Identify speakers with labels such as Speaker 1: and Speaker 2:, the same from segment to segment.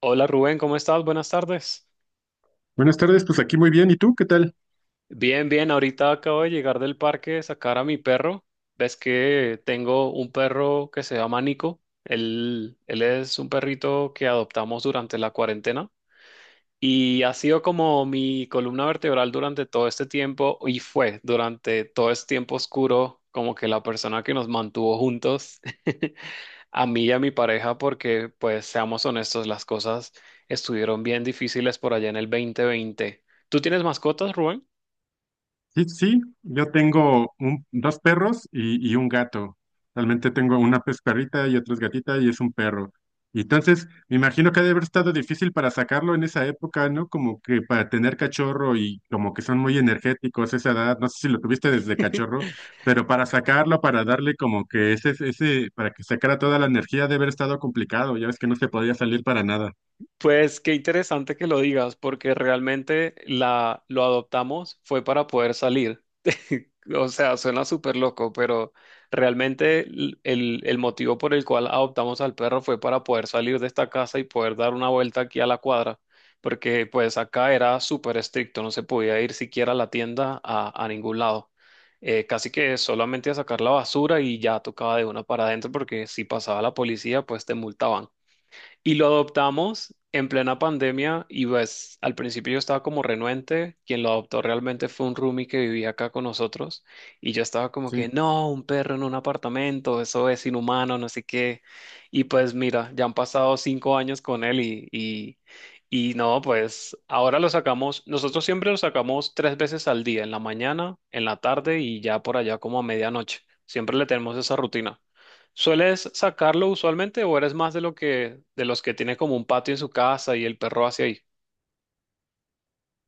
Speaker 1: Hola Rubén, ¿cómo estás? Buenas tardes.
Speaker 2: Buenas tardes, pues aquí muy bien. ¿Y tú qué tal?
Speaker 1: Bien, bien, ahorita acabo de llegar del parque, sacar a mi perro. Ves que tengo un perro que se llama Nico. Él es un perrito que adoptamos durante la cuarentena. Y ha sido como mi columna vertebral durante todo este tiempo y fue durante todo este tiempo oscuro como que la persona que nos mantuvo juntos, a mí y a mi pareja, porque pues seamos honestos, las cosas estuvieron bien difíciles por allá en el 2020. ¿Tú tienes mascotas, Rubén?
Speaker 2: Sí, sí, yo tengo dos perros y un gato. Realmente tengo una pues, perrita y otra es gatita y es un perro. Y entonces, me imagino que ha de haber estado difícil para sacarlo en esa época, ¿no? Como que para tener cachorro y como que son muy energéticos a esa edad. No sé si lo tuviste desde cachorro, pero para sacarlo, para darle como que ese, para que sacara toda la energía, debe haber estado complicado. Ya ves que no se podía salir para nada.
Speaker 1: Pues qué interesante que lo digas, porque realmente la, lo adoptamos fue para poder salir. O sea, suena súper loco, pero realmente el, el motivo por el cual adoptamos al perro fue para poder salir de esta casa y poder dar una vuelta aquí a la cuadra, porque pues acá era súper estricto, no se podía ir siquiera a la tienda a ningún lado. Casi que solamente a sacar la basura y ya tocaba de una para adentro, porque si pasaba la policía, pues te multaban. Y lo adoptamos en plena pandemia y pues al principio yo estaba como renuente, quien lo adoptó realmente fue un roomie que vivía acá con nosotros y yo estaba como que
Speaker 2: Sí.
Speaker 1: no, un perro en un apartamento, eso es inhumano, no sé qué. Y pues mira, ya han pasado cinco años con él y no, pues ahora lo sacamos, nosotros siempre lo sacamos tres veces al día, en la mañana, en la tarde y ya por allá como a medianoche. Siempre le tenemos esa rutina. ¿Sueles sacarlo usualmente o eres más de lo que de los que tiene como un patio en su casa y el perro hacia ahí?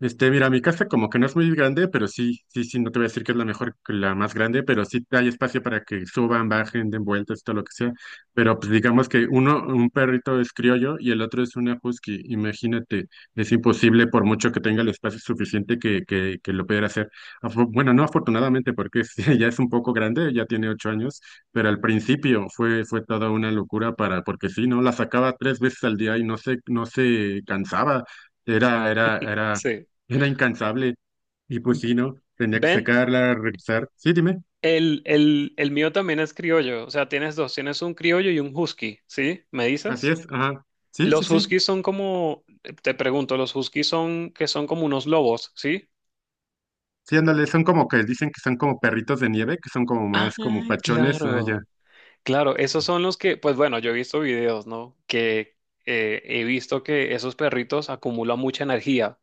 Speaker 2: Este, mira, mi casa como que no es muy grande, pero sí, sí, sí, no te voy a decir que es la mejor, que la más grande, pero sí hay espacio para que suban, bajen, den vueltas, todo lo que sea. Pero pues digamos que uno, un perrito es criollo y el otro es una husky. Imagínate, es imposible por mucho que tenga el espacio suficiente que lo pudiera hacer. Bueno, no afortunadamente, porque ya es un poco grande, ya tiene 8 años, pero al principio fue toda una locura para, porque sí, ¿no? La sacaba 3 veces al día y no se cansaba. Era, era, era
Speaker 1: Sí.
Speaker 2: era incansable. Y pues sí, ¿no? Tenía que
Speaker 1: Ven,
Speaker 2: sacarla, regresar. Sí, dime.
Speaker 1: el, el mío también es criollo, o sea, tienes dos, tienes un criollo y un husky, ¿sí? ¿Me
Speaker 2: Así
Speaker 1: dices?
Speaker 2: es, ajá. Sí, sí,
Speaker 1: Los
Speaker 2: sí.
Speaker 1: huskies son como, te pregunto, los huskies son que son como unos lobos, ¿sí?
Speaker 2: Sí, ándale, son como que dicen que son como perritos de nieve, que son como
Speaker 1: Ah,
Speaker 2: más como pachones.
Speaker 1: claro.
Speaker 2: Allá
Speaker 1: Claro, esos son los que, pues bueno, yo he visto videos, ¿no? Que he visto que esos perritos acumulan mucha energía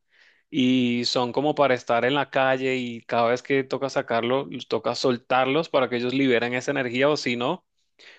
Speaker 1: y son como para estar en la calle y cada vez que toca sacarlo, los toca soltarlos para que ellos liberen esa energía o si no,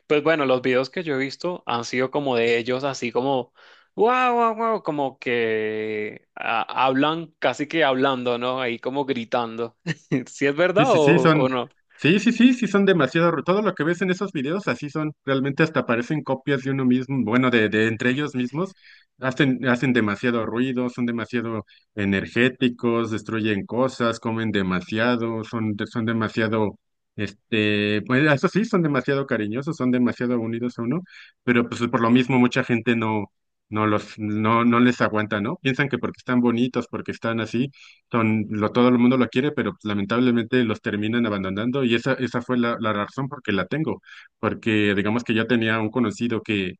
Speaker 1: pues bueno, los videos que yo he visto han sido como de ellos, así como, wow, wow, wow, como que ah, hablan, casi que hablando, ¿no? Ahí como gritando. ¿Si es
Speaker 2: sí,
Speaker 1: verdad
Speaker 2: sí, sí,
Speaker 1: o
Speaker 2: son,
Speaker 1: no?
Speaker 2: sí, sí, sí, sí, son demasiado, todo lo que ves en esos videos así son, realmente hasta parecen copias de uno mismo, bueno, de entre ellos mismos, hacen demasiado ruido, son demasiado energéticos, destruyen cosas, comen demasiado, son demasiado, este, pues eso sí, son demasiado cariñosos, son demasiado unidos a uno, pero pues por lo mismo mucha gente no, no les aguanta, ¿no? Piensan que porque están bonitos, porque están así son, lo, todo el mundo lo quiere, pero pues, lamentablemente los terminan abandonando y esa fue la razón por que la tengo, porque digamos que yo tenía un conocido que,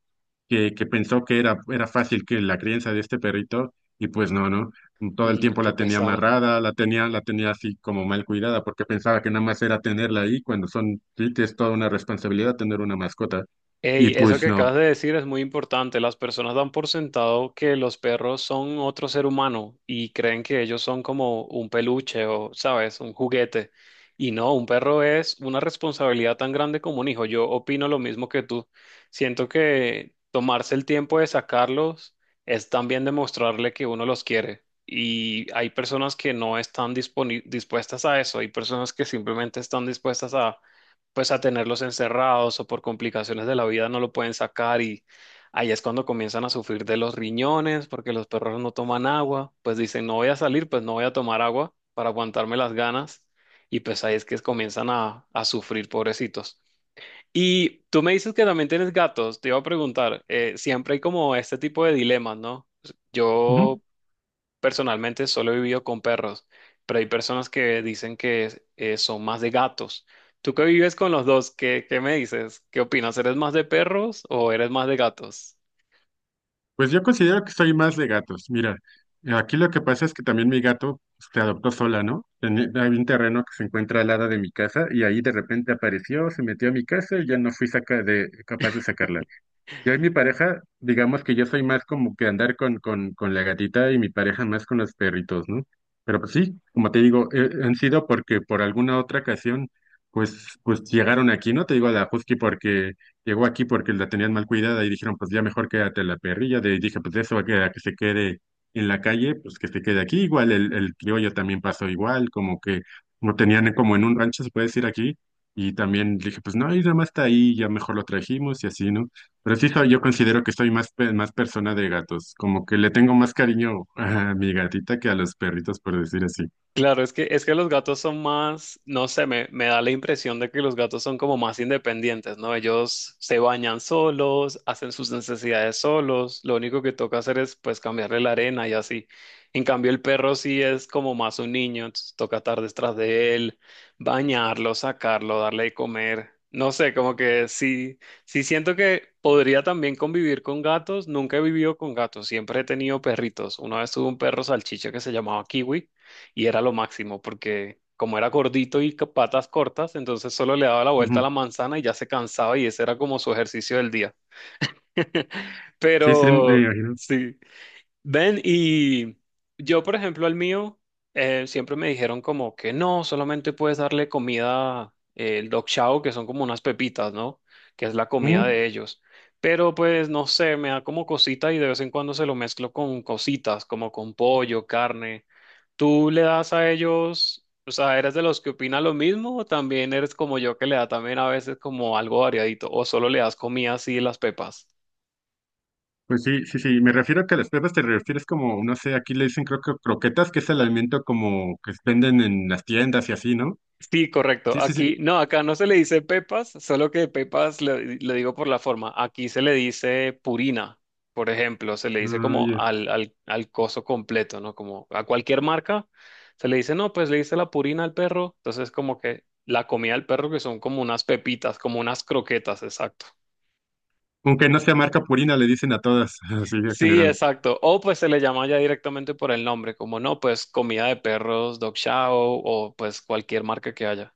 Speaker 2: que, que pensó que era fácil que la crianza de este perrito y pues no, todo el
Speaker 1: Mm,
Speaker 2: tiempo
Speaker 1: qué
Speaker 2: la tenía
Speaker 1: pesar.
Speaker 2: amarrada, la tenía así como mal cuidada, porque pensaba que nada más era tenerla ahí cuando son, sí, que es toda una responsabilidad tener una mascota
Speaker 1: Ey,
Speaker 2: y
Speaker 1: eso
Speaker 2: pues
Speaker 1: que
Speaker 2: no.
Speaker 1: acabas de decir es muy importante. Las personas dan por sentado que los perros son otro ser humano y creen que ellos son como un peluche o, sabes, un juguete. Y no, un perro es una responsabilidad tan grande como un hijo. Yo opino lo mismo que tú. Siento que tomarse el tiempo de sacarlos es también demostrarle que uno los quiere. Y hay personas que no están dispuestas a eso. Hay personas que simplemente están dispuestas a pues a tenerlos encerrados o por complicaciones de la vida no lo pueden sacar y ahí es cuando comienzan a sufrir de los riñones porque los perros no toman agua, pues dicen no voy a salir, pues no voy a tomar agua para aguantarme las ganas y pues ahí es que comienzan a sufrir pobrecitos. Y tú me dices que también tienes gatos, te iba a preguntar, siempre hay como este tipo de dilemas, ¿no?
Speaker 2: Ujú.
Speaker 1: Yo personalmente solo he vivido con perros, pero hay personas que dicen que son más de gatos. ¿Tú que vives con los dos? ¿Qué, qué me dices? ¿Qué opinas? ¿Eres más de perros o eres más de gatos?
Speaker 2: Pues yo considero que soy más de gatos. Mira, aquí lo que pasa es que también mi gato pues, se adoptó sola, ¿no? Hay un terreno que se encuentra al lado de mi casa y ahí de repente apareció, se metió a mi casa y ya no fui saca de, capaz de sacarla. Yo y mi pareja, digamos que yo soy más como que andar con la gatita y mi pareja más con los perritos, ¿no? Pero pues sí, como te digo, han sido porque por alguna otra ocasión, pues llegaron aquí, ¿no? Te digo a la Husky porque llegó aquí porque la tenían mal cuidada y dijeron, pues ya mejor quédate la perrilla. De, y dije, pues eso va a quedar que se quede en la calle, pues que se quede aquí. Igual el criollo también pasó igual, como que lo tenían como en un rancho, se puede decir aquí. Y también dije, pues no, y nada más está ahí, ya mejor lo trajimos y así, ¿no? Pero sí soy, yo considero que soy más, más persona de gatos, como que le tengo más cariño a mi gatita que a los perritos, por decir así.
Speaker 1: Claro, es que los gatos son más, no sé, me da la impresión de que los gatos son como más independientes, ¿no? Ellos se bañan solos, hacen sus necesidades solos, lo único que toca hacer es pues cambiarle la arena y así. En cambio, el perro sí es como más un niño, entonces toca estar detrás de él, bañarlo, sacarlo, darle de comer. No sé, como que sí, sí siento que podría también convivir con gatos, nunca he vivido con gatos, siempre he tenido perritos. Una vez tuve un perro salchicha que se llamaba Kiwi y era lo máximo porque como era gordito y con patas cortas, entonces solo le daba la vuelta a
Speaker 2: Ujú.
Speaker 1: la manzana y ya se cansaba y ese era como su ejercicio del día.
Speaker 2: Sí, sí, me
Speaker 1: Pero
Speaker 2: imagino.
Speaker 1: sí, ven, y yo, por ejemplo, al mío, siempre me dijeron como que no, solamente puedes darle comida, el dog chow, que son como unas pepitas, ¿no? Que es la comida
Speaker 2: Ujú.
Speaker 1: de ellos. Pero pues no sé, me da como cosita y de vez en cuando se lo mezclo con cositas, como con pollo, carne. ¿Tú le das a ellos, o sea, eres de los que opina lo mismo o también eres como yo que le da también a veces como algo variadito o solo le das comida así las pepas?
Speaker 2: Pues sí, sí, sí, me refiero a que a las perras te refieres como, no sé, aquí le dicen creo que croquetas, que es el alimento como que venden en las tiendas y así, ¿no?
Speaker 1: Sí, correcto.
Speaker 2: Sí, sí, sí.
Speaker 1: Aquí, no, acá no se le dice pepas, solo que pepas le, le digo por la forma. Aquí se le dice purina, por ejemplo, se le dice
Speaker 2: Ah,
Speaker 1: como
Speaker 2: ya.
Speaker 1: al, al, al coso completo, ¿no? Como a cualquier marca, se le dice, no, pues le dice la purina al perro. Entonces, como que la comida del perro, que son como unas pepitas, como unas croquetas, exacto.
Speaker 2: Aunque no sea marca Purina, le dicen a todas, así en
Speaker 1: Sí,
Speaker 2: general.
Speaker 1: exacto. O pues se le llama ya directamente por el nombre, como no, pues comida de perros, dog chow o pues cualquier marca que haya.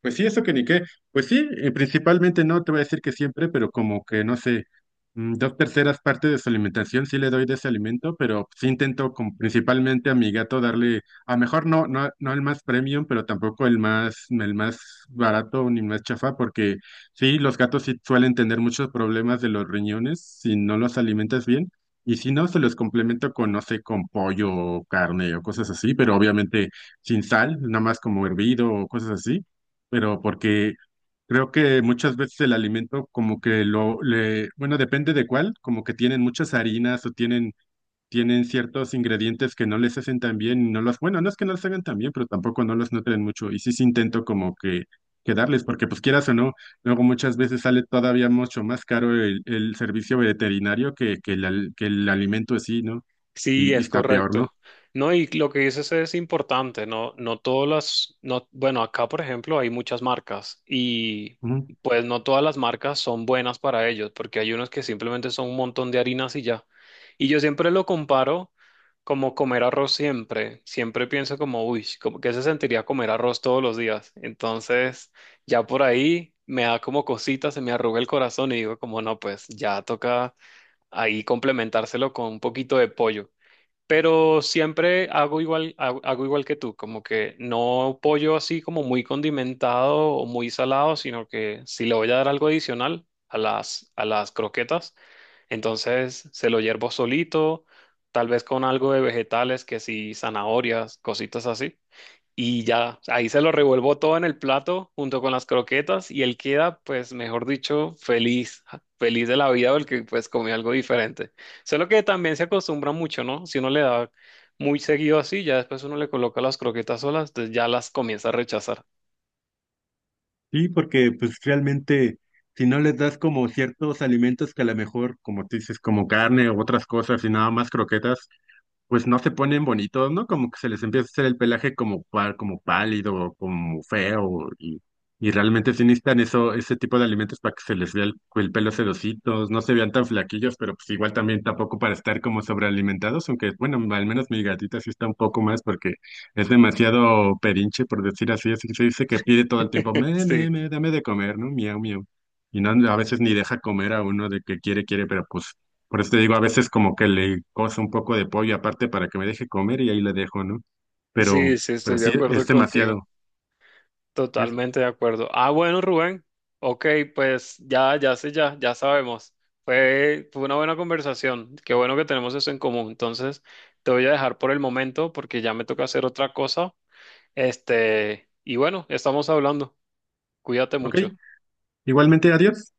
Speaker 2: Pues sí, eso que ni qué. Pues sí, principalmente no te voy a decir que siempre, pero como que no sé, mm, dos terceras partes de su alimentación sí le doy de ese alimento, pero sí intento con, principalmente a mi gato darle, a lo mejor no el más premium, pero tampoco el más, el más barato ni más chafa, porque sí, los gatos sí suelen tener muchos problemas de los riñones si no los alimentas bien. Y si no, se los complemento con, no sé, con pollo o carne o cosas así, pero obviamente sin sal, nada más como hervido o cosas así pero porque creo que muchas veces el alimento como que bueno, depende de cuál, como que tienen muchas harinas o tienen ciertos ingredientes que no les hacen tan bien, y no los, bueno, no es que no los hagan tan bien, pero tampoco no los nutren mucho y sí intento como que darles, porque pues quieras o no, luego muchas veces sale todavía mucho más caro el servicio veterinario que el alimento así, ¿no?
Speaker 1: Sí,
Speaker 2: Y
Speaker 1: es
Speaker 2: está peor, ¿no?
Speaker 1: correcto. No, y lo que dices es importante, no, no todas las, no, bueno, acá por ejemplo hay muchas marcas y
Speaker 2: Ujú.
Speaker 1: pues no todas las marcas son buenas para ellos, porque hay unos que simplemente son un montón de harinas y ya. Y yo siempre lo comparo como comer arroz siempre, siempre pienso como, uy, como que se sentiría comer arroz todos los días. Entonces, ya por ahí me da como cositas, se me arruga el corazón y digo como, no, pues ya toca ahí complementárselo con un poquito de pollo pero siempre hago igual, hago igual que tú, como que no pollo así como muy condimentado o muy salado, sino que si le voy a dar algo adicional a las croquetas, entonces se lo hiervo solito, tal vez con algo de vegetales, que sí, zanahorias, cositas así. Y ya, ahí se lo revuelvo todo en el plato junto con las croquetas y él queda, pues, mejor dicho, feliz, ja, feliz de la vida porque pues comió algo diferente. Solo que también se acostumbra mucho, ¿no? Si uno le da muy seguido así, ya después uno le coloca las croquetas solas, entonces ya las comienza a rechazar.
Speaker 2: Sí, porque pues realmente si no les das como ciertos alimentos que a lo mejor, como tú dices, como carne o otras cosas y nada más croquetas, pues no se ponen bonitos, ¿no? Como que se les empieza a hacer el pelaje como, como pálido, como feo, y realmente sí necesitan eso, ese tipo de alimentos para que se les vea el pelo sedositos, no se vean tan flaquillos, pero pues igual también tampoco para estar como sobrealimentados, aunque bueno, al menos mi gatita sí está un poco más porque es demasiado pedinche, por decir así, así que se dice que pide todo el tiempo,
Speaker 1: Sí,
Speaker 2: me, dame de comer, ¿no? Miau, miau. Y no, a veces ni deja comer a uno de que quiere, quiere, pero pues por eso te digo, a veces como que le cozo un poco de pollo aparte para que me deje comer y ahí le dejo, ¿no? Pero,
Speaker 1: sí, sí, estoy
Speaker 2: pero
Speaker 1: de
Speaker 2: sí,
Speaker 1: acuerdo
Speaker 2: es
Speaker 1: contigo.
Speaker 2: demasiado. Es-
Speaker 1: Totalmente de acuerdo. Ah, bueno, Rubén. Ok, pues ya, ya sé, ya, ya sabemos. Fue, fue una buena conversación. Qué bueno que tenemos eso en común. Entonces, te voy a dejar por el momento porque ya me toca hacer otra cosa. Este, y bueno, estamos hablando. Cuídate
Speaker 2: ok,
Speaker 1: mucho.
Speaker 2: igualmente, adiós.